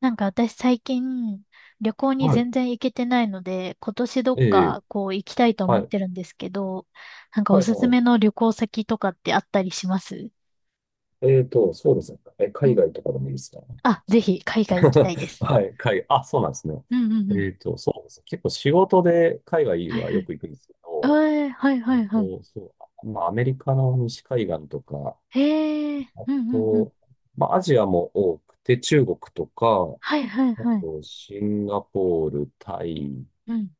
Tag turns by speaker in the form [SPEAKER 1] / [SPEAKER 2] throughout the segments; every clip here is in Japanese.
[SPEAKER 1] なんか私最近旅行に
[SPEAKER 2] はい。
[SPEAKER 1] 全然行けてないので、今年どっ
[SPEAKER 2] ええ、
[SPEAKER 1] かこう行きたいと思
[SPEAKER 2] は
[SPEAKER 1] っ
[SPEAKER 2] い。
[SPEAKER 1] てるんですけど、なんかお
[SPEAKER 2] はい、
[SPEAKER 1] すす
[SPEAKER 2] は
[SPEAKER 1] めの旅行先とかってあったりします？
[SPEAKER 2] い。そうですね。
[SPEAKER 1] う
[SPEAKER 2] 海
[SPEAKER 1] ん。
[SPEAKER 2] 外とかでもいいですか？
[SPEAKER 1] あ、ぜひ海外行きたいで す。
[SPEAKER 2] はい、海外。あ、そうなんですね。
[SPEAKER 1] うんうんうん。
[SPEAKER 2] そうですね。結構仕事で海外
[SPEAKER 1] はい
[SPEAKER 2] は
[SPEAKER 1] は
[SPEAKER 2] よ
[SPEAKER 1] い。
[SPEAKER 2] く行くんですけ
[SPEAKER 1] え
[SPEAKER 2] ど、
[SPEAKER 1] え、はい
[SPEAKER 2] え
[SPEAKER 1] は
[SPEAKER 2] っ
[SPEAKER 1] いはい。
[SPEAKER 2] と、そまあ、アメリカの西海岸とか、
[SPEAKER 1] へえ、
[SPEAKER 2] あ
[SPEAKER 1] うんうんうん。
[SPEAKER 2] と、まあ、アジアも多くて、中国とか、
[SPEAKER 1] はいはい
[SPEAKER 2] あ
[SPEAKER 1] はい。
[SPEAKER 2] と、シンガポール、タイ、
[SPEAKER 1] うん。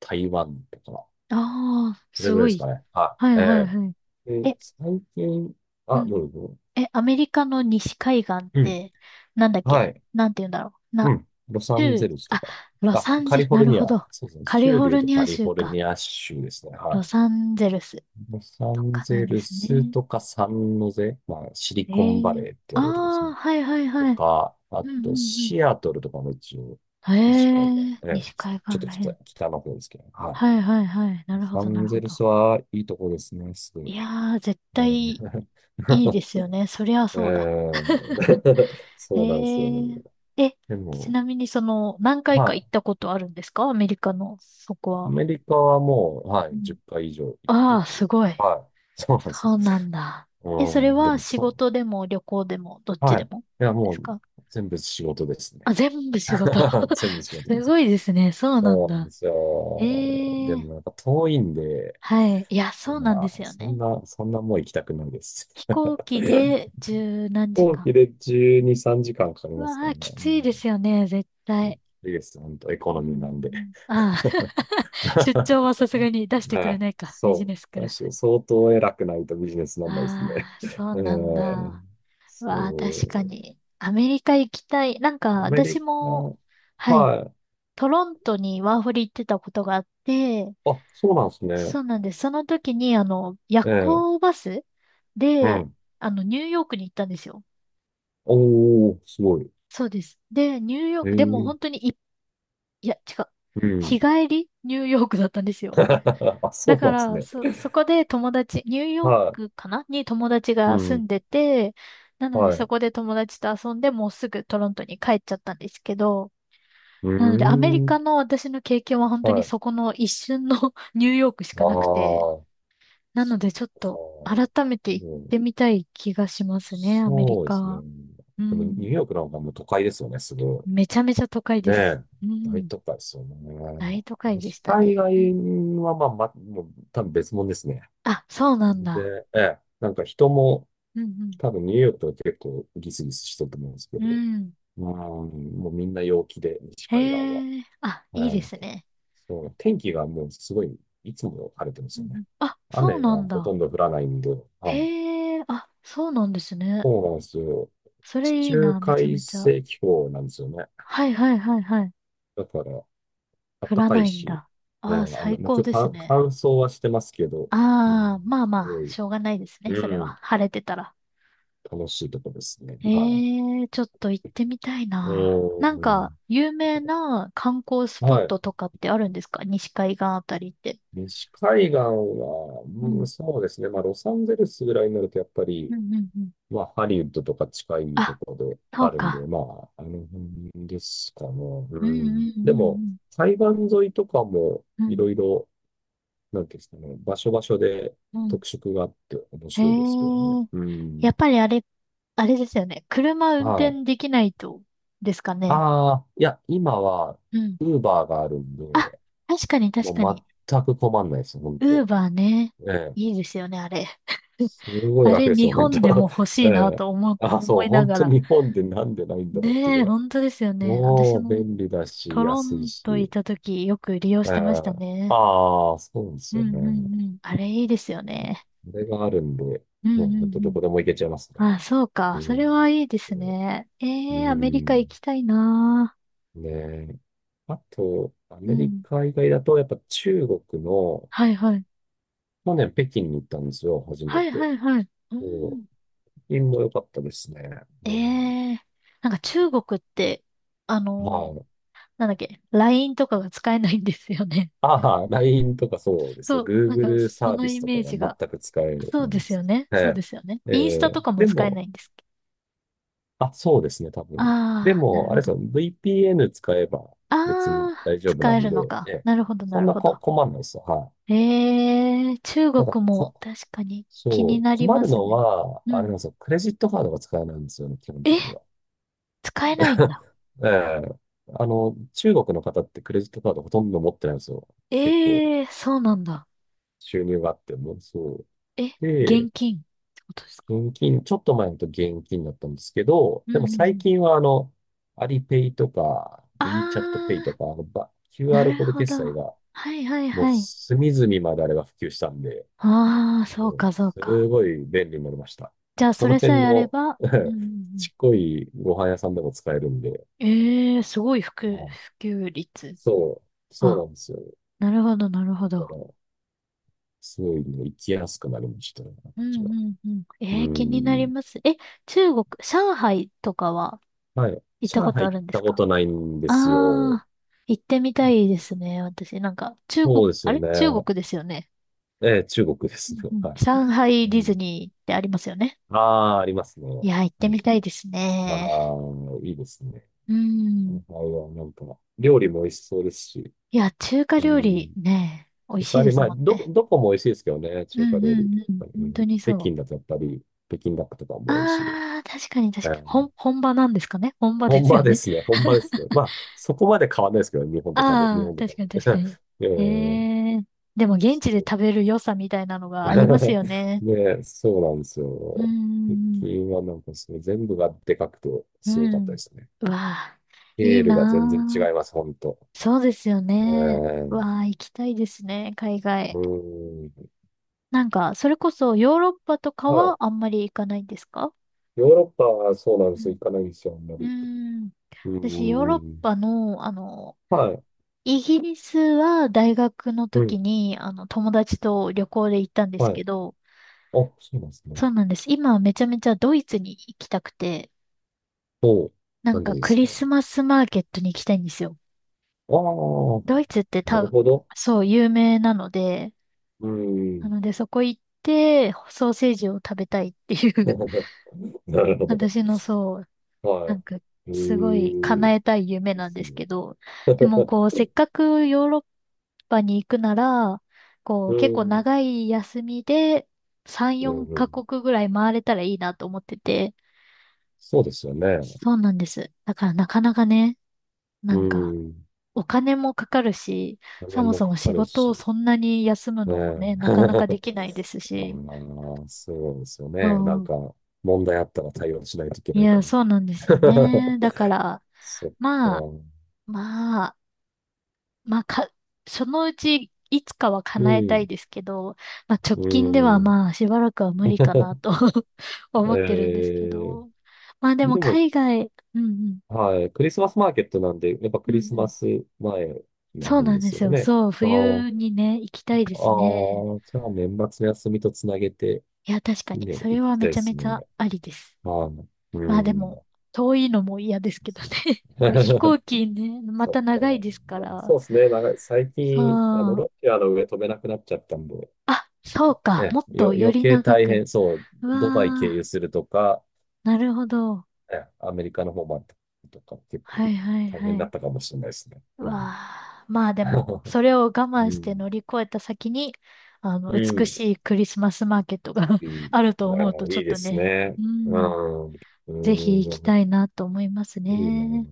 [SPEAKER 2] 台湾とか、
[SPEAKER 1] ああ、
[SPEAKER 2] それ
[SPEAKER 1] す
[SPEAKER 2] ぐらい
[SPEAKER 1] ご
[SPEAKER 2] です
[SPEAKER 1] い。
[SPEAKER 2] かね。は
[SPEAKER 1] は
[SPEAKER 2] い。え
[SPEAKER 1] いはいはい。
[SPEAKER 2] え。で、
[SPEAKER 1] え、
[SPEAKER 2] 最近、
[SPEAKER 1] う
[SPEAKER 2] あ、
[SPEAKER 1] ん。
[SPEAKER 2] どうぞ。
[SPEAKER 1] え、アメリカの西海岸っ
[SPEAKER 2] うん。
[SPEAKER 1] て、なんだっ
[SPEAKER 2] は
[SPEAKER 1] け、
[SPEAKER 2] い。
[SPEAKER 1] なんて言うんだろう。
[SPEAKER 2] うん。ロサン
[SPEAKER 1] 州、
[SPEAKER 2] ゼルスと
[SPEAKER 1] あ、
[SPEAKER 2] か。
[SPEAKER 1] ロ
[SPEAKER 2] あ、
[SPEAKER 1] サン
[SPEAKER 2] カ
[SPEAKER 1] ゼ
[SPEAKER 2] リ
[SPEAKER 1] ル、
[SPEAKER 2] フォ
[SPEAKER 1] な
[SPEAKER 2] ル
[SPEAKER 1] る
[SPEAKER 2] ニ
[SPEAKER 1] ほ
[SPEAKER 2] ア。
[SPEAKER 1] ど。
[SPEAKER 2] そうですね。
[SPEAKER 1] カリ
[SPEAKER 2] 州
[SPEAKER 1] フ
[SPEAKER 2] で
[SPEAKER 1] ォ
[SPEAKER 2] 言う
[SPEAKER 1] ル
[SPEAKER 2] と
[SPEAKER 1] ニ
[SPEAKER 2] カ
[SPEAKER 1] ア
[SPEAKER 2] リ
[SPEAKER 1] 州
[SPEAKER 2] フォル
[SPEAKER 1] か。
[SPEAKER 2] ニア州ですね。は
[SPEAKER 1] ロ
[SPEAKER 2] い。
[SPEAKER 1] サンゼルス
[SPEAKER 2] ロサ
[SPEAKER 1] と
[SPEAKER 2] ン
[SPEAKER 1] かな
[SPEAKER 2] ゼ
[SPEAKER 1] んで
[SPEAKER 2] ル
[SPEAKER 1] す
[SPEAKER 2] ス
[SPEAKER 1] ね。
[SPEAKER 2] とかサンノゼ。まあ、シリ
[SPEAKER 1] え
[SPEAKER 2] コンバレー
[SPEAKER 1] ー、
[SPEAKER 2] って
[SPEAKER 1] あ
[SPEAKER 2] 言われるとこです
[SPEAKER 1] あ、
[SPEAKER 2] ね。
[SPEAKER 1] はいはい
[SPEAKER 2] と
[SPEAKER 1] はい。
[SPEAKER 2] か、あ
[SPEAKER 1] うん
[SPEAKER 2] と
[SPEAKER 1] うん
[SPEAKER 2] シアトルとかも一応、
[SPEAKER 1] うん。
[SPEAKER 2] 西い岸。
[SPEAKER 1] ええー、
[SPEAKER 2] ええ、
[SPEAKER 1] 西海岸
[SPEAKER 2] ちょっと
[SPEAKER 1] らへ
[SPEAKER 2] 北、
[SPEAKER 1] ん。
[SPEAKER 2] 北の方ですけど。はい。
[SPEAKER 1] はいはいはい。な
[SPEAKER 2] ロ
[SPEAKER 1] るほ
[SPEAKER 2] サ
[SPEAKER 1] どな
[SPEAKER 2] ン
[SPEAKER 1] るほ
[SPEAKER 2] ゼル
[SPEAKER 1] ど。
[SPEAKER 2] スはいいとこですね。すごい。
[SPEAKER 1] いやー、絶
[SPEAKER 2] うん
[SPEAKER 1] 対いいですよね。そりゃ
[SPEAKER 2] う
[SPEAKER 1] そうだ。
[SPEAKER 2] ん
[SPEAKER 1] え
[SPEAKER 2] そうなんですよ
[SPEAKER 1] え
[SPEAKER 2] ね。
[SPEAKER 1] ー、え、
[SPEAKER 2] で
[SPEAKER 1] ち
[SPEAKER 2] も、
[SPEAKER 1] なみにその、何回
[SPEAKER 2] ま
[SPEAKER 1] か
[SPEAKER 2] あ、
[SPEAKER 1] 行ったことあるんですか？アメリカの、そこ
[SPEAKER 2] ア
[SPEAKER 1] は。
[SPEAKER 2] メリカはもう、は
[SPEAKER 1] う
[SPEAKER 2] い、
[SPEAKER 1] ん。
[SPEAKER 2] 10回以上行って
[SPEAKER 1] ああ、
[SPEAKER 2] て、
[SPEAKER 1] すごい。
[SPEAKER 2] はい、そうなんですよ。
[SPEAKER 1] そうなんだ。え、そ
[SPEAKER 2] う
[SPEAKER 1] れ
[SPEAKER 2] ん、で
[SPEAKER 1] は
[SPEAKER 2] も
[SPEAKER 1] 仕
[SPEAKER 2] と、
[SPEAKER 1] 事でも旅行でもどっち
[SPEAKER 2] はい。
[SPEAKER 1] で
[SPEAKER 2] い
[SPEAKER 1] も
[SPEAKER 2] や、
[SPEAKER 1] で
[SPEAKER 2] も
[SPEAKER 1] す
[SPEAKER 2] う、
[SPEAKER 1] か？
[SPEAKER 2] 全部仕事です
[SPEAKER 1] あ、
[SPEAKER 2] ね。
[SPEAKER 1] 全部仕事。
[SPEAKER 2] 全部仕事で
[SPEAKER 1] す
[SPEAKER 2] す。
[SPEAKER 1] ごいですね。そうなん
[SPEAKER 2] そうなんで
[SPEAKER 1] だ。
[SPEAKER 2] すよ。で
[SPEAKER 1] ええ、
[SPEAKER 2] も、なんか遠いんで、
[SPEAKER 1] はい。いや、そうなん
[SPEAKER 2] ま
[SPEAKER 1] で
[SPEAKER 2] あ、
[SPEAKER 1] すよ
[SPEAKER 2] そん
[SPEAKER 1] ね。
[SPEAKER 2] な、そんなもう行きたくないです。
[SPEAKER 1] 飛 行機で十何
[SPEAKER 2] 飛
[SPEAKER 1] 時
[SPEAKER 2] 行機
[SPEAKER 1] 間。
[SPEAKER 2] で12、3時間かんかかり
[SPEAKER 1] う
[SPEAKER 2] ますか
[SPEAKER 1] わ
[SPEAKER 2] ら
[SPEAKER 1] あ、き
[SPEAKER 2] ね。
[SPEAKER 1] ついですよね、絶
[SPEAKER 2] うん、い
[SPEAKER 1] 対。
[SPEAKER 2] いです、本当エコ
[SPEAKER 1] う
[SPEAKER 2] ノ
[SPEAKER 1] んう
[SPEAKER 2] ミーなんで。
[SPEAKER 1] んうん。ああ、出張は さすがに出してく
[SPEAKER 2] は
[SPEAKER 1] れ
[SPEAKER 2] い。
[SPEAKER 1] ないか。ビジ
[SPEAKER 2] そ
[SPEAKER 1] ネス
[SPEAKER 2] う。
[SPEAKER 1] クラ
[SPEAKER 2] 確
[SPEAKER 1] ス。
[SPEAKER 2] かに相当偉くないとビジネスなんないですね。
[SPEAKER 1] ああ、そ う
[SPEAKER 2] う
[SPEAKER 1] なんだ。
[SPEAKER 2] ん。
[SPEAKER 1] う
[SPEAKER 2] そ
[SPEAKER 1] わあ、確かに。アメリカ行きたい。なんか、
[SPEAKER 2] う。アメ
[SPEAKER 1] 私
[SPEAKER 2] リ
[SPEAKER 1] も、
[SPEAKER 2] カ、
[SPEAKER 1] はい。
[SPEAKER 2] はい。
[SPEAKER 1] トロントにワーホリ行ってたことがあって、
[SPEAKER 2] あ、そうなんですね。
[SPEAKER 1] そうなんです。その時に、夜
[SPEAKER 2] ええ。
[SPEAKER 1] 行バス
[SPEAKER 2] う
[SPEAKER 1] で、
[SPEAKER 2] ん。
[SPEAKER 1] ニューヨークに行ったんですよ。
[SPEAKER 2] おー、すごい。
[SPEAKER 1] そうです。で、ニューヨー
[SPEAKER 2] え
[SPEAKER 1] ク、でも
[SPEAKER 2] え。
[SPEAKER 1] 本当に、いや、違う。
[SPEAKER 2] う
[SPEAKER 1] 日
[SPEAKER 2] ん。
[SPEAKER 1] 帰りニューヨークだったんです よ。
[SPEAKER 2] あ、そ
[SPEAKER 1] だ
[SPEAKER 2] う
[SPEAKER 1] か
[SPEAKER 2] なんです
[SPEAKER 1] ら、
[SPEAKER 2] ね。
[SPEAKER 1] そこで友達、ニューヨー
[SPEAKER 2] は
[SPEAKER 1] クかなに友達
[SPEAKER 2] い。う
[SPEAKER 1] が住ん
[SPEAKER 2] ん。
[SPEAKER 1] でて、なので
[SPEAKER 2] は
[SPEAKER 1] そ
[SPEAKER 2] い。
[SPEAKER 1] こで友達と遊んでもうすぐトロントに帰っちゃったんですけど、
[SPEAKER 2] う
[SPEAKER 1] なので、アメリ
[SPEAKER 2] ー
[SPEAKER 1] カ
[SPEAKER 2] ん。
[SPEAKER 1] の私の経験は本当
[SPEAKER 2] は
[SPEAKER 1] に
[SPEAKER 2] い。
[SPEAKER 1] そこの一瞬の ニューヨークし
[SPEAKER 2] ああ、
[SPEAKER 1] かなくて、なの
[SPEAKER 2] そ
[SPEAKER 1] でちょっ
[SPEAKER 2] っ
[SPEAKER 1] と
[SPEAKER 2] か。
[SPEAKER 1] 改めて行っ
[SPEAKER 2] うん、
[SPEAKER 1] てみたい気がしますね、アメリ
[SPEAKER 2] そうですね。
[SPEAKER 1] カ。う
[SPEAKER 2] でも、ニュ
[SPEAKER 1] ん。
[SPEAKER 2] ーヨークなんかもう都会ですよね、すごい。
[SPEAKER 1] めちゃめちゃ都会で
[SPEAKER 2] ね
[SPEAKER 1] す。
[SPEAKER 2] え、
[SPEAKER 1] う
[SPEAKER 2] 大
[SPEAKER 1] ん。
[SPEAKER 2] 都会ですよ
[SPEAKER 1] 大
[SPEAKER 2] ね。
[SPEAKER 1] 都会で
[SPEAKER 2] 西
[SPEAKER 1] したね。
[SPEAKER 2] 海岸は、まあ、もう多分別物ですね。
[SPEAKER 1] あ、そうなんだ。
[SPEAKER 2] で、ええ、なんか人も、
[SPEAKER 1] うん
[SPEAKER 2] 多分ニューヨークとは結構ギスギスしてると思うんですけ
[SPEAKER 1] う
[SPEAKER 2] ど、
[SPEAKER 1] ん。うん。
[SPEAKER 2] まあ、もうみんな陽気で、西海岸は。
[SPEAKER 1] へえ。あ、いい
[SPEAKER 2] は
[SPEAKER 1] で
[SPEAKER 2] い。
[SPEAKER 1] すね。
[SPEAKER 2] そう、天気がもうすごい、いつも晴れてま
[SPEAKER 1] う
[SPEAKER 2] す
[SPEAKER 1] んう
[SPEAKER 2] よね。
[SPEAKER 1] ん。あ、そう
[SPEAKER 2] 雨が
[SPEAKER 1] なん
[SPEAKER 2] ほと
[SPEAKER 1] だ。
[SPEAKER 2] んど降らないんで、はい、
[SPEAKER 1] へえ。あ、そうなんですね。
[SPEAKER 2] そうなんですよ。
[SPEAKER 1] そ
[SPEAKER 2] 地
[SPEAKER 1] れいい
[SPEAKER 2] 中
[SPEAKER 1] な、めちゃ
[SPEAKER 2] 海
[SPEAKER 1] めちゃ。
[SPEAKER 2] 性気候なんですよね。
[SPEAKER 1] はいはいはいはい。
[SPEAKER 2] だから、あっ
[SPEAKER 1] 降
[SPEAKER 2] た
[SPEAKER 1] ら
[SPEAKER 2] か
[SPEAKER 1] な
[SPEAKER 2] い
[SPEAKER 1] いん
[SPEAKER 2] し、
[SPEAKER 1] だ。
[SPEAKER 2] ね、
[SPEAKER 1] ああ、最
[SPEAKER 2] まあ、
[SPEAKER 1] 高
[SPEAKER 2] ちょっ
[SPEAKER 1] です
[SPEAKER 2] と乾乾
[SPEAKER 1] ね。
[SPEAKER 2] 燥はしてますけど、う
[SPEAKER 1] ああ、
[SPEAKER 2] ん、
[SPEAKER 1] まあま
[SPEAKER 2] すご
[SPEAKER 1] あ、しょうがないですね、
[SPEAKER 2] い、
[SPEAKER 1] それ
[SPEAKER 2] うん、
[SPEAKER 1] は。晴れてたら。
[SPEAKER 2] 楽しいとこですね。は
[SPEAKER 1] ええ、ちょっと行ってみたい
[SPEAKER 2] い。
[SPEAKER 1] な。なん
[SPEAKER 2] う
[SPEAKER 1] か、
[SPEAKER 2] ん。
[SPEAKER 1] 有名な観光スポッ
[SPEAKER 2] はい。
[SPEAKER 1] トとかってあるんですか、西海岸あたりって？
[SPEAKER 2] 西海岸は、
[SPEAKER 1] う
[SPEAKER 2] う
[SPEAKER 1] ん、
[SPEAKER 2] ん、そうですね。まあ、ロサンゼルスぐらいになると、やっぱり、
[SPEAKER 1] うん、うん、うん。
[SPEAKER 2] まあ、ハリウッドとか近いと
[SPEAKER 1] あ、
[SPEAKER 2] ころで
[SPEAKER 1] そ
[SPEAKER 2] あ
[SPEAKER 1] う
[SPEAKER 2] るんで、
[SPEAKER 1] か。
[SPEAKER 2] まあ、あの辺ですかね。
[SPEAKER 1] うん、
[SPEAKER 2] うん。で
[SPEAKER 1] う
[SPEAKER 2] も、
[SPEAKER 1] ん、
[SPEAKER 2] 海岸沿いとかも、
[SPEAKER 1] うん、う
[SPEAKER 2] いろ
[SPEAKER 1] ん、
[SPEAKER 2] いろ、なんていうんですかね、場所場所で
[SPEAKER 1] うん、うん。
[SPEAKER 2] 特色があって面
[SPEAKER 1] へ
[SPEAKER 2] 白いですけどね。
[SPEAKER 1] え、
[SPEAKER 2] う
[SPEAKER 1] や
[SPEAKER 2] ん。
[SPEAKER 1] っぱりあれ、あれですよね。車運
[SPEAKER 2] は
[SPEAKER 1] 転
[SPEAKER 2] い。
[SPEAKER 1] できないと、ですかね。
[SPEAKER 2] ああ、いや、今は、
[SPEAKER 1] うん。
[SPEAKER 2] ウーバーがあるん
[SPEAKER 1] あ、
[SPEAKER 2] で、
[SPEAKER 1] 確かに
[SPEAKER 2] も
[SPEAKER 1] 確か
[SPEAKER 2] う
[SPEAKER 1] に。
[SPEAKER 2] 全く困んないです、本
[SPEAKER 1] ウ
[SPEAKER 2] 当。
[SPEAKER 1] ーバーね。
[SPEAKER 2] ええ。
[SPEAKER 1] いいですよね、あれ。
[SPEAKER 2] すごい
[SPEAKER 1] あ
[SPEAKER 2] 楽
[SPEAKER 1] れ、
[SPEAKER 2] です
[SPEAKER 1] 日
[SPEAKER 2] よ、本
[SPEAKER 1] 本でも
[SPEAKER 2] 当。
[SPEAKER 1] 欲
[SPEAKER 2] え
[SPEAKER 1] しいな
[SPEAKER 2] え。
[SPEAKER 1] と思う、
[SPEAKER 2] あ、
[SPEAKER 1] 思
[SPEAKER 2] そう、
[SPEAKER 1] いな
[SPEAKER 2] 本
[SPEAKER 1] が
[SPEAKER 2] 当
[SPEAKER 1] ら。
[SPEAKER 2] 日本でなんでないんだろうっていう
[SPEAKER 1] ね
[SPEAKER 2] ぐ
[SPEAKER 1] え、
[SPEAKER 2] らい。
[SPEAKER 1] 本当ですよね。私
[SPEAKER 2] もう、
[SPEAKER 1] も
[SPEAKER 2] 便利だし、
[SPEAKER 1] トロ
[SPEAKER 2] 安い
[SPEAKER 1] ント行っ
[SPEAKER 2] し。
[SPEAKER 1] た時よく利用し
[SPEAKER 2] ええ。
[SPEAKER 1] てましたね。
[SPEAKER 2] ああ、そうです
[SPEAKER 1] う
[SPEAKER 2] よ
[SPEAKER 1] んう
[SPEAKER 2] ね。
[SPEAKER 1] んうん。あれいいですよ
[SPEAKER 2] うん、
[SPEAKER 1] ね。
[SPEAKER 2] これがあるんで、
[SPEAKER 1] うんう
[SPEAKER 2] もう
[SPEAKER 1] ん
[SPEAKER 2] 本当どこでも行けちゃいます
[SPEAKER 1] うん。
[SPEAKER 2] ね。
[SPEAKER 1] あ、そう
[SPEAKER 2] う
[SPEAKER 1] か。そ
[SPEAKER 2] ん。
[SPEAKER 1] れはいいですね。
[SPEAKER 2] う
[SPEAKER 1] ええ、アメリカ行
[SPEAKER 2] ん。
[SPEAKER 1] きたいな
[SPEAKER 2] ねえ。あと、ア
[SPEAKER 1] ぁ。う
[SPEAKER 2] メリ
[SPEAKER 1] ん。
[SPEAKER 2] カ以外だと、やっぱ中国の、
[SPEAKER 1] はいはい。
[SPEAKER 2] 去年北京に行ったんですよ、初め
[SPEAKER 1] はいは
[SPEAKER 2] て。
[SPEAKER 1] いはい。う
[SPEAKER 2] そう。
[SPEAKER 1] ん。
[SPEAKER 2] 北京も良かったですね。
[SPEAKER 1] え
[SPEAKER 2] うん。
[SPEAKER 1] え、なんか中国って、あの
[SPEAKER 2] はい。
[SPEAKER 1] なんだっけ、LINE とかが使えないんですよね。
[SPEAKER 2] ああ、LINE とかそう です
[SPEAKER 1] そ
[SPEAKER 2] ね。
[SPEAKER 1] う、なんか
[SPEAKER 2] Google
[SPEAKER 1] そ
[SPEAKER 2] サー
[SPEAKER 1] の
[SPEAKER 2] ビス
[SPEAKER 1] イ
[SPEAKER 2] とか
[SPEAKER 1] メー
[SPEAKER 2] が
[SPEAKER 1] ジが。
[SPEAKER 2] 全く使える
[SPEAKER 1] そうで
[SPEAKER 2] んで
[SPEAKER 1] すよ
[SPEAKER 2] す。
[SPEAKER 1] ね。
[SPEAKER 2] え
[SPEAKER 1] そう
[SPEAKER 2] え。
[SPEAKER 1] ですよね。
[SPEAKER 2] え
[SPEAKER 1] インスタ
[SPEAKER 2] え、
[SPEAKER 1] とかも
[SPEAKER 2] で
[SPEAKER 1] 使えな
[SPEAKER 2] も、
[SPEAKER 1] いんですっけ？
[SPEAKER 2] あ、そうですね、多分。で
[SPEAKER 1] ああー、なる
[SPEAKER 2] も、あ
[SPEAKER 1] ほ
[SPEAKER 2] れです
[SPEAKER 1] ど。あ
[SPEAKER 2] よ、VPN 使えば別に
[SPEAKER 1] あ、
[SPEAKER 2] 大丈夫な
[SPEAKER 1] 使え
[SPEAKER 2] ん
[SPEAKER 1] るの
[SPEAKER 2] で、え
[SPEAKER 1] か。
[SPEAKER 2] え。
[SPEAKER 1] なるほど、な
[SPEAKER 2] そん
[SPEAKER 1] る
[SPEAKER 2] な
[SPEAKER 1] ほ
[SPEAKER 2] こ
[SPEAKER 1] ど。
[SPEAKER 2] 困んないですよ。はい。
[SPEAKER 1] ええー、中
[SPEAKER 2] ただ、
[SPEAKER 1] 国も確かに気
[SPEAKER 2] そ
[SPEAKER 1] に
[SPEAKER 2] う、
[SPEAKER 1] なり
[SPEAKER 2] 困
[SPEAKER 1] ま
[SPEAKER 2] る
[SPEAKER 1] す
[SPEAKER 2] の
[SPEAKER 1] ね。
[SPEAKER 2] は、
[SPEAKER 1] う
[SPEAKER 2] あれ
[SPEAKER 1] ん。
[SPEAKER 2] なんですよ、クレジットカードが使えないんですよね、基本
[SPEAKER 1] え、
[SPEAKER 2] 的には。
[SPEAKER 1] 使えないんだ。
[SPEAKER 2] ええ。あの、中国の方ってクレジットカードほとんど持ってないんですよ。結構
[SPEAKER 1] ええー、そうなんだ。
[SPEAKER 2] 収入があっても、そ
[SPEAKER 1] え、
[SPEAKER 2] う。で、
[SPEAKER 1] 現金ってことですか？
[SPEAKER 2] 現金、ちょっと前だと現金だったんですけど、
[SPEAKER 1] う
[SPEAKER 2] で
[SPEAKER 1] ん
[SPEAKER 2] も
[SPEAKER 1] うんう
[SPEAKER 2] 最
[SPEAKER 1] ん。
[SPEAKER 2] 近はあの、アリペイとか、
[SPEAKER 1] あ
[SPEAKER 2] WeChat ペイと
[SPEAKER 1] あ、
[SPEAKER 2] か、あの、
[SPEAKER 1] な
[SPEAKER 2] QR コ
[SPEAKER 1] る
[SPEAKER 2] ード
[SPEAKER 1] ほど。
[SPEAKER 2] 決済が
[SPEAKER 1] はいはい
[SPEAKER 2] もう
[SPEAKER 1] はい。
[SPEAKER 2] 隅々まであれが普及したんで、
[SPEAKER 1] ああ、そう
[SPEAKER 2] うん、
[SPEAKER 1] かそうか。
[SPEAKER 2] すごい便利になりました。
[SPEAKER 1] じゃあ、
[SPEAKER 2] そ
[SPEAKER 1] そ
[SPEAKER 2] の
[SPEAKER 1] れさ
[SPEAKER 2] 辺
[SPEAKER 1] えあれ
[SPEAKER 2] の
[SPEAKER 1] ば、うんうん
[SPEAKER 2] ちっこいご飯屋さんでも使えるんで、
[SPEAKER 1] うん。ええー、すごい
[SPEAKER 2] あ、
[SPEAKER 1] 普及率。
[SPEAKER 2] そう、そう
[SPEAKER 1] あ、
[SPEAKER 2] なんですよ。
[SPEAKER 1] なるほど、なるほ
[SPEAKER 2] だ
[SPEAKER 1] ど。
[SPEAKER 2] からすごいね、行きやすくなりましたね、あっ
[SPEAKER 1] うん
[SPEAKER 2] ちは。
[SPEAKER 1] うんうん。え
[SPEAKER 2] う
[SPEAKER 1] えー気になり
[SPEAKER 2] ん。
[SPEAKER 1] ます。え、中国、上海とかは
[SPEAKER 2] はい。
[SPEAKER 1] 行った
[SPEAKER 2] 上
[SPEAKER 1] ことあ
[SPEAKER 2] 海行っ
[SPEAKER 1] るんで
[SPEAKER 2] た
[SPEAKER 1] す
[SPEAKER 2] こ
[SPEAKER 1] か？
[SPEAKER 2] とないんですよ。
[SPEAKER 1] ああー、行ってみたいですね、私。なんか、中国、
[SPEAKER 2] そうです
[SPEAKER 1] あ
[SPEAKER 2] よ
[SPEAKER 1] れ
[SPEAKER 2] ね。
[SPEAKER 1] 中国ですよね。
[SPEAKER 2] ええ、中国で
[SPEAKER 1] う
[SPEAKER 2] すね。
[SPEAKER 1] んうん。
[SPEAKER 2] はい。
[SPEAKER 1] 上海
[SPEAKER 2] う
[SPEAKER 1] ディズ
[SPEAKER 2] ん。
[SPEAKER 1] ニーってありますよね。
[SPEAKER 2] ああ、ありますね。
[SPEAKER 1] いや、行っ
[SPEAKER 2] う
[SPEAKER 1] て
[SPEAKER 2] ん、
[SPEAKER 1] みたいです
[SPEAKER 2] まあ、
[SPEAKER 1] ね。
[SPEAKER 2] いいですね。
[SPEAKER 1] う
[SPEAKER 2] は
[SPEAKER 1] ん。
[SPEAKER 2] い、はなんか、料理も美味しそうですし。
[SPEAKER 1] いや、中華
[SPEAKER 2] う
[SPEAKER 1] 料理
[SPEAKER 2] ん。
[SPEAKER 1] ね、美味
[SPEAKER 2] やっ
[SPEAKER 1] しい
[SPEAKER 2] ぱ
[SPEAKER 1] で
[SPEAKER 2] り
[SPEAKER 1] す
[SPEAKER 2] まあ、
[SPEAKER 1] もんね。
[SPEAKER 2] どこも美味しいですけどね、
[SPEAKER 1] う
[SPEAKER 2] 中華
[SPEAKER 1] ん
[SPEAKER 2] 料
[SPEAKER 1] う
[SPEAKER 2] 理。
[SPEAKER 1] んうん。
[SPEAKER 2] う
[SPEAKER 1] 本
[SPEAKER 2] ん、
[SPEAKER 1] 当に
[SPEAKER 2] 北
[SPEAKER 1] そう。
[SPEAKER 2] 京だとやっぱり、北京ダックとかも美味しいです。
[SPEAKER 1] ああ、確かに確かに。本場なんですかね？本場で
[SPEAKER 2] 本
[SPEAKER 1] す
[SPEAKER 2] 場
[SPEAKER 1] よ
[SPEAKER 2] で
[SPEAKER 1] ね。
[SPEAKER 2] すね。本場ですね。まあ、そこまで変わんないですけどね、日
[SPEAKER 1] ああ、
[SPEAKER 2] 本と
[SPEAKER 1] 確
[SPEAKER 2] 食
[SPEAKER 1] かに
[SPEAKER 2] べ
[SPEAKER 1] 確か
[SPEAKER 2] て。
[SPEAKER 1] に。
[SPEAKER 2] え
[SPEAKER 1] え
[SPEAKER 2] ー、
[SPEAKER 1] え、でも現地
[SPEAKER 2] そ
[SPEAKER 1] で
[SPEAKER 2] う。
[SPEAKER 1] 食べる良さみたいなのがあります よね。
[SPEAKER 2] ね、そうなんです
[SPEAKER 1] う
[SPEAKER 2] よ。最
[SPEAKER 1] ん、
[SPEAKER 2] 近はなんかその全部がでかくて
[SPEAKER 1] う
[SPEAKER 2] すご
[SPEAKER 1] ん、
[SPEAKER 2] かっ
[SPEAKER 1] う
[SPEAKER 2] た
[SPEAKER 1] ん。
[SPEAKER 2] ですね。
[SPEAKER 1] うわあ、い
[SPEAKER 2] ケ
[SPEAKER 1] い
[SPEAKER 2] ールが全然違
[SPEAKER 1] な
[SPEAKER 2] い
[SPEAKER 1] あ。
[SPEAKER 2] ます、ほんと。
[SPEAKER 1] そうですよ
[SPEAKER 2] え
[SPEAKER 1] ね。う
[SPEAKER 2] ー、
[SPEAKER 1] わあ、行きたいですね、海
[SPEAKER 2] う
[SPEAKER 1] 外。
[SPEAKER 2] ん。
[SPEAKER 1] なんか、それこそヨーロッパとかは
[SPEAKER 2] は
[SPEAKER 1] あんまり行かないんですか？
[SPEAKER 2] い。ヨーロッパはそうなんで
[SPEAKER 1] う
[SPEAKER 2] すよ。
[SPEAKER 1] ん。
[SPEAKER 2] 行かないんですよ、あんま
[SPEAKER 1] う
[SPEAKER 2] り。
[SPEAKER 1] ーん。
[SPEAKER 2] う
[SPEAKER 1] 私、ヨーロッ
[SPEAKER 2] ん。
[SPEAKER 1] パの、
[SPEAKER 2] はい。
[SPEAKER 1] イギリスは大学の
[SPEAKER 2] う
[SPEAKER 1] 時
[SPEAKER 2] ん。
[SPEAKER 1] に、友達と旅行で行ったんです
[SPEAKER 2] はい。あ、
[SPEAKER 1] けど、
[SPEAKER 2] そうなんですね。
[SPEAKER 1] そうなんです。今はめちゃめちゃドイツに行きたくて、
[SPEAKER 2] おう。
[SPEAKER 1] な
[SPEAKER 2] な
[SPEAKER 1] ん
[SPEAKER 2] んで
[SPEAKER 1] か
[SPEAKER 2] で
[SPEAKER 1] ク
[SPEAKER 2] す
[SPEAKER 1] リ
[SPEAKER 2] か？
[SPEAKER 1] スマスマーケットに行きたいんですよ。
[SPEAKER 2] ああ、
[SPEAKER 1] ドイツって、
[SPEAKER 2] なるほど。
[SPEAKER 1] そう、有名なので、
[SPEAKER 2] う
[SPEAKER 1] な
[SPEAKER 2] ん。
[SPEAKER 1] のでそこ行って、ソーセージを食べたいっていう
[SPEAKER 2] なる ほど。
[SPEAKER 1] 私のそう、な
[SPEAKER 2] は
[SPEAKER 1] んか、
[SPEAKER 2] い。え
[SPEAKER 1] すごい
[SPEAKER 2] え、
[SPEAKER 1] 叶えたい夢
[SPEAKER 2] で
[SPEAKER 1] なん
[SPEAKER 2] す
[SPEAKER 1] です
[SPEAKER 2] ね。
[SPEAKER 1] けど、でも こう、せっかくヨーロッパに行くなら、こう、
[SPEAKER 2] う
[SPEAKER 1] 結構
[SPEAKER 2] ん。
[SPEAKER 1] 長い休みで3、
[SPEAKER 2] うん
[SPEAKER 1] 4
[SPEAKER 2] う
[SPEAKER 1] カ
[SPEAKER 2] ん。
[SPEAKER 1] 国ぐらい回れたらいいなと思ってて、
[SPEAKER 2] そうですよね。
[SPEAKER 1] そうなんです。だからなかなかね、な
[SPEAKER 2] う
[SPEAKER 1] んか、
[SPEAKER 2] ん。
[SPEAKER 1] お金もかかるし、
[SPEAKER 2] お金
[SPEAKER 1] そも
[SPEAKER 2] も
[SPEAKER 1] そも
[SPEAKER 2] かか
[SPEAKER 1] 仕
[SPEAKER 2] る
[SPEAKER 1] 事を
[SPEAKER 2] し。
[SPEAKER 1] そんなに休む
[SPEAKER 2] ね
[SPEAKER 1] のも
[SPEAKER 2] え。
[SPEAKER 1] ね、なか なかできないです
[SPEAKER 2] あ
[SPEAKER 1] し、
[SPEAKER 2] あ、そうですよ
[SPEAKER 1] そ
[SPEAKER 2] ね。な
[SPEAKER 1] う
[SPEAKER 2] ん
[SPEAKER 1] ん。
[SPEAKER 2] か、問題あったら対応しないといけ
[SPEAKER 1] い
[SPEAKER 2] ないか
[SPEAKER 1] や、
[SPEAKER 2] ら。
[SPEAKER 1] そうなんですよ ね。だから、
[SPEAKER 2] そっか。
[SPEAKER 1] まあ、まあ、まあ、か、そのうちいつかは
[SPEAKER 2] う
[SPEAKER 1] 叶えたい
[SPEAKER 2] ん。
[SPEAKER 1] ですけど、まあ、直
[SPEAKER 2] う
[SPEAKER 1] 近では
[SPEAKER 2] ん。
[SPEAKER 1] まあ、しばらくは無理かなと 思ってるんで
[SPEAKER 2] え
[SPEAKER 1] すけ
[SPEAKER 2] え、
[SPEAKER 1] ど。まあでも
[SPEAKER 2] でも、
[SPEAKER 1] 海外、うんうん、
[SPEAKER 2] はい。クリスマスマーケットなんで、やっぱ
[SPEAKER 1] う
[SPEAKER 2] ク
[SPEAKER 1] んう
[SPEAKER 2] リスマ
[SPEAKER 1] ん。
[SPEAKER 2] ス前な
[SPEAKER 1] そう
[SPEAKER 2] ん
[SPEAKER 1] なん
[SPEAKER 2] で
[SPEAKER 1] で
[SPEAKER 2] すよ
[SPEAKER 1] すよ。
[SPEAKER 2] ね。
[SPEAKER 1] そう、
[SPEAKER 2] ああ。
[SPEAKER 1] 冬にね、行きたい
[SPEAKER 2] あ
[SPEAKER 1] ですね。
[SPEAKER 2] あ、じゃあ年末休みとつなげて、
[SPEAKER 1] いや、確か
[SPEAKER 2] いい
[SPEAKER 1] に、
[SPEAKER 2] ね、
[SPEAKER 1] そ
[SPEAKER 2] 行
[SPEAKER 1] れは
[SPEAKER 2] きた
[SPEAKER 1] め
[SPEAKER 2] いで
[SPEAKER 1] ちゃ
[SPEAKER 2] す
[SPEAKER 1] めちゃ
[SPEAKER 2] ね。
[SPEAKER 1] ありです。
[SPEAKER 2] ああ、う
[SPEAKER 1] まあでも、
[SPEAKER 2] ん。
[SPEAKER 1] 遠いのも嫌です
[SPEAKER 2] で
[SPEAKER 1] けど
[SPEAKER 2] すね。
[SPEAKER 1] ね。こう飛 行機ね、ま
[SPEAKER 2] そっ
[SPEAKER 1] た
[SPEAKER 2] か。
[SPEAKER 1] 長いですか
[SPEAKER 2] まあ、そ
[SPEAKER 1] ら。
[SPEAKER 2] うですね。なんか最
[SPEAKER 1] そ
[SPEAKER 2] 近、あの、
[SPEAKER 1] う。
[SPEAKER 2] ロシアの上飛べなくなっちゃったんで、
[SPEAKER 1] あ、そうか。
[SPEAKER 2] え
[SPEAKER 1] もっ
[SPEAKER 2] え、
[SPEAKER 1] とよ
[SPEAKER 2] 余
[SPEAKER 1] り
[SPEAKER 2] 計
[SPEAKER 1] 長
[SPEAKER 2] 大
[SPEAKER 1] く。
[SPEAKER 2] 変そう。
[SPEAKER 1] う
[SPEAKER 2] ドバイ経
[SPEAKER 1] わー。
[SPEAKER 2] 由するとか、
[SPEAKER 1] なるほど。
[SPEAKER 2] ええ、アメリカの方までとか、結
[SPEAKER 1] は
[SPEAKER 2] 構
[SPEAKER 1] いはい
[SPEAKER 2] 大
[SPEAKER 1] は
[SPEAKER 2] 変だっ
[SPEAKER 1] い。
[SPEAKER 2] たかもしれないですね。
[SPEAKER 1] う
[SPEAKER 2] う
[SPEAKER 1] わ
[SPEAKER 2] ん。
[SPEAKER 1] あ、まあでも、それを我慢
[SPEAKER 2] う
[SPEAKER 1] して乗
[SPEAKER 2] ん。
[SPEAKER 1] り越えた先に、
[SPEAKER 2] う
[SPEAKER 1] 美
[SPEAKER 2] ん。
[SPEAKER 1] しいクリスマスマーケットが
[SPEAKER 2] うん、
[SPEAKER 1] ある
[SPEAKER 2] あ
[SPEAKER 1] と思うと、
[SPEAKER 2] あ
[SPEAKER 1] ちょ
[SPEAKER 2] い
[SPEAKER 1] っ
[SPEAKER 2] いで
[SPEAKER 1] と
[SPEAKER 2] す
[SPEAKER 1] ね、
[SPEAKER 2] ね。
[SPEAKER 1] う
[SPEAKER 2] う
[SPEAKER 1] ん、
[SPEAKER 2] ん。う
[SPEAKER 1] ぜひ行き
[SPEAKER 2] ん。
[SPEAKER 1] たいなと思います
[SPEAKER 2] いいな。
[SPEAKER 1] ね。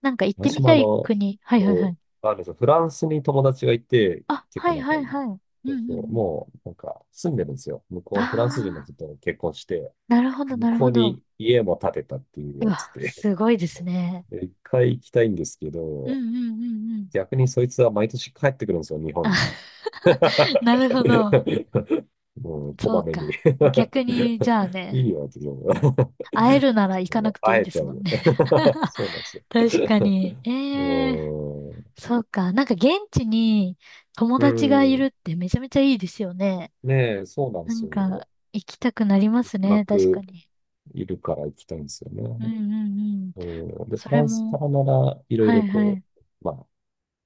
[SPEAKER 1] なんか行って
[SPEAKER 2] 私
[SPEAKER 1] み
[SPEAKER 2] も
[SPEAKER 1] た
[SPEAKER 2] あ
[SPEAKER 1] い
[SPEAKER 2] の、
[SPEAKER 1] 国。はいはいは
[SPEAKER 2] こ
[SPEAKER 1] い。
[SPEAKER 2] う、あるんですよ。フランスに友達がいて、
[SPEAKER 1] あ、
[SPEAKER 2] 結
[SPEAKER 1] は
[SPEAKER 2] 構
[SPEAKER 1] いは
[SPEAKER 2] 仲い
[SPEAKER 1] い
[SPEAKER 2] い。
[SPEAKER 1] はい。うん
[SPEAKER 2] そ
[SPEAKER 1] うんう
[SPEAKER 2] うそう。
[SPEAKER 1] ん。
[SPEAKER 2] もう、なんか、住んでるんですよ。向こう、フランス人の
[SPEAKER 1] ああ、
[SPEAKER 2] 人と結婚して、
[SPEAKER 1] なるほど
[SPEAKER 2] 向
[SPEAKER 1] なる
[SPEAKER 2] こ
[SPEAKER 1] ほ
[SPEAKER 2] う
[SPEAKER 1] ど。
[SPEAKER 2] に家も建てたっていう
[SPEAKER 1] う
[SPEAKER 2] やつ
[SPEAKER 1] わ、
[SPEAKER 2] で、
[SPEAKER 1] すごいです
[SPEAKER 2] そ
[SPEAKER 1] ね。
[SPEAKER 2] う。で一回行きたいんですけ
[SPEAKER 1] うんう
[SPEAKER 2] ど、
[SPEAKER 1] んうんうん。
[SPEAKER 2] 逆にそいつは毎年帰ってくるんですよ、日
[SPEAKER 1] あ、
[SPEAKER 2] 本に。
[SPEAKER 1] なるほど。
[SPEAKER 2] もう、こ
[SPEAKER 1] そう
[SPEAKER 2] まめに。
[SPEAKER 1] か。逆に、じゃあ
[SPEAKER 2] い
[SPEAKER 1] ね、
[SPEAKER 2] いよ、って言うの。
[SPEAKER 1] 会えるなら行か
[SPEAKER 2] も
[SPEAKER 1] な
[SPEAKER 2] う
[SPEAKER 1] くていい
[SPEAKER 2] 会え
[SPEAKER 1] で
[SPEAKER 2] ち
[SPEAKER 1] す
[SPEAKER 2] ゃう
[SPEAKER 1] もん
[SPEAKER 2] よ。
[SPEAKER 1] ね。
[SPEAKER 2] そうなんですよ。
[SPEAKER 1] 確かに。
[SPEAKER 2] う
[SPEAKER 1] ええー、
[SPEAKER 2] ーん。
[SPEAKER 1] そうか。なんか現地に友
[SPEAKER 2] う
[SPEAKER 1] 達がい
[SPEAKER 2] ー
[SPEAKER 1] る
[SPEAKER 2] ん。
[SPEAKER 1] ってめちゃめちゃいいですよね。
[SPEAKER 2] ねえ、そうなんで
[SPEAKER 1] な
[SPEAKER 2] す
[SPEAKER 1] ん
[SPEAKER 2] よね。
[SPEAKER 1] か行きたくなりますね。確か
[SPEAKER 2] 学
[SPEAKER 1] に。
[SPEAKER 2] いるから行きたいんですよ
[SPEAKER 1] うん
[SPEAKER 2] ね。
[SPEAKER 1] うんうん。
[SPEAKER 2] うん、で、フ
[SPEAKER 1] それ
[SPEAKER 2] ランスか
[SPEAKER 1] も、
[SPEAKER 2] らなら、いろい
[SPEAKER 1] は
[SPEAKER 2] ろ
[SPEAKER 1] いは
[SPEAKER 2] こ
[SPEAKER 1] い。
[SPEAKER 2] う、まあ、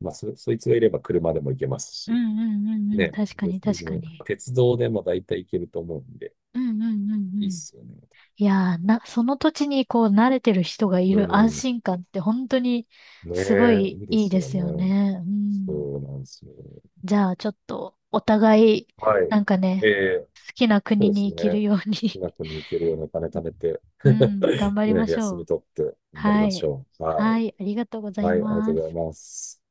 [SPEAKER 2] そいつがいれば車でも行けます
[SPEAKER 1] う
[SPEAKER 2] し、
[SPEAKER 1] んうんうんうん。
[SPEAKER 2] ね
[SPEAKER 1] 確か
[SPEAKER 2] え、
[SPEAKER 1] に
[SPEAKER 2] 全
[SPEAKER 1] 確か
[SPEAKER 2] 然
[SPEAKER 1] に。
[SPEAKER 2] 鉄道でも大体行けると思うんで、
[SPEAKER 1] うんうんうん
[SPEAKER 2] い
[SPEAKER 1] う
[SPEAKER 2] いっ
[SPEAKER 1] ん。
[SPEAKER 2] すよね。
[SPEAKER 1] いやー、その土地にこう慣れてる人がい
[SPEAKER 2] う
[SPEAKER 1] る安
[SPEAKER 2] ん、ね
[SPEAKER 1] 心感って本当にすご
[SPEAKER 2] え、
[SPEAKER 1] い
[SPEAKER 2] いいで
[SPEAKER 1] いい
[SPEAKER 2] す
[SPEAKER 1] で
[SPEAKER 2] よ
[SPEAKER 1] すよ
[SPEAKER 2] ね。
[SPEAKER 1] ね。うん。
[SPEAKER 2] そうなんですよ。
[SPEAKER 1] じゃあ、ちょっと、お互い、
[SPEAKER 2] はい。
[SPEAKER 1] なんか
[SPEAKER 2] え
[SPEAKER 1] ね、
[SPEAKER 2] え、
[SPEAKER 1] 好きな
[SPEAKER 2] そう
[SPEAKER 1] 国
[SPEAKER 2] で
[SPEAKER 1] に
[SPEAKER 2] す
[SPEAKER 1] 行ける
[SPEAKER 2] ね。
[SPEAKER 1] よう
[SPEAKER 2] 少
[SPEAKER 1] に、
[SPEAKER 2] なく抜けるようなお金貯めて、
[SPEAKER 1] うん、頑 張りま
[SPEAKER 2] ね、
[SPEAKER 1] し
[SPEAKER 2] 休
[SPEAKER 1] ょ
[SPEAKER 2] み
[SPEAKER 1] う。
[SPEAKER 2] 取って頑張り
[SPEAKER 1] は
[SPEAKER 2] まし
[SPEAKER 1] い。
[SPEAKER 2] ょう。は
[SPEAKER 1] は
[SPEAKER 2] い。
[SPEAKER 1] い、ありがとうござい
[SPEAKER 2] はい、ありがと
[SPEAKER 1] ま
[SPEAKER 2] うござい
[SPEAKER 1] す。
[SPEAKER 2] ます。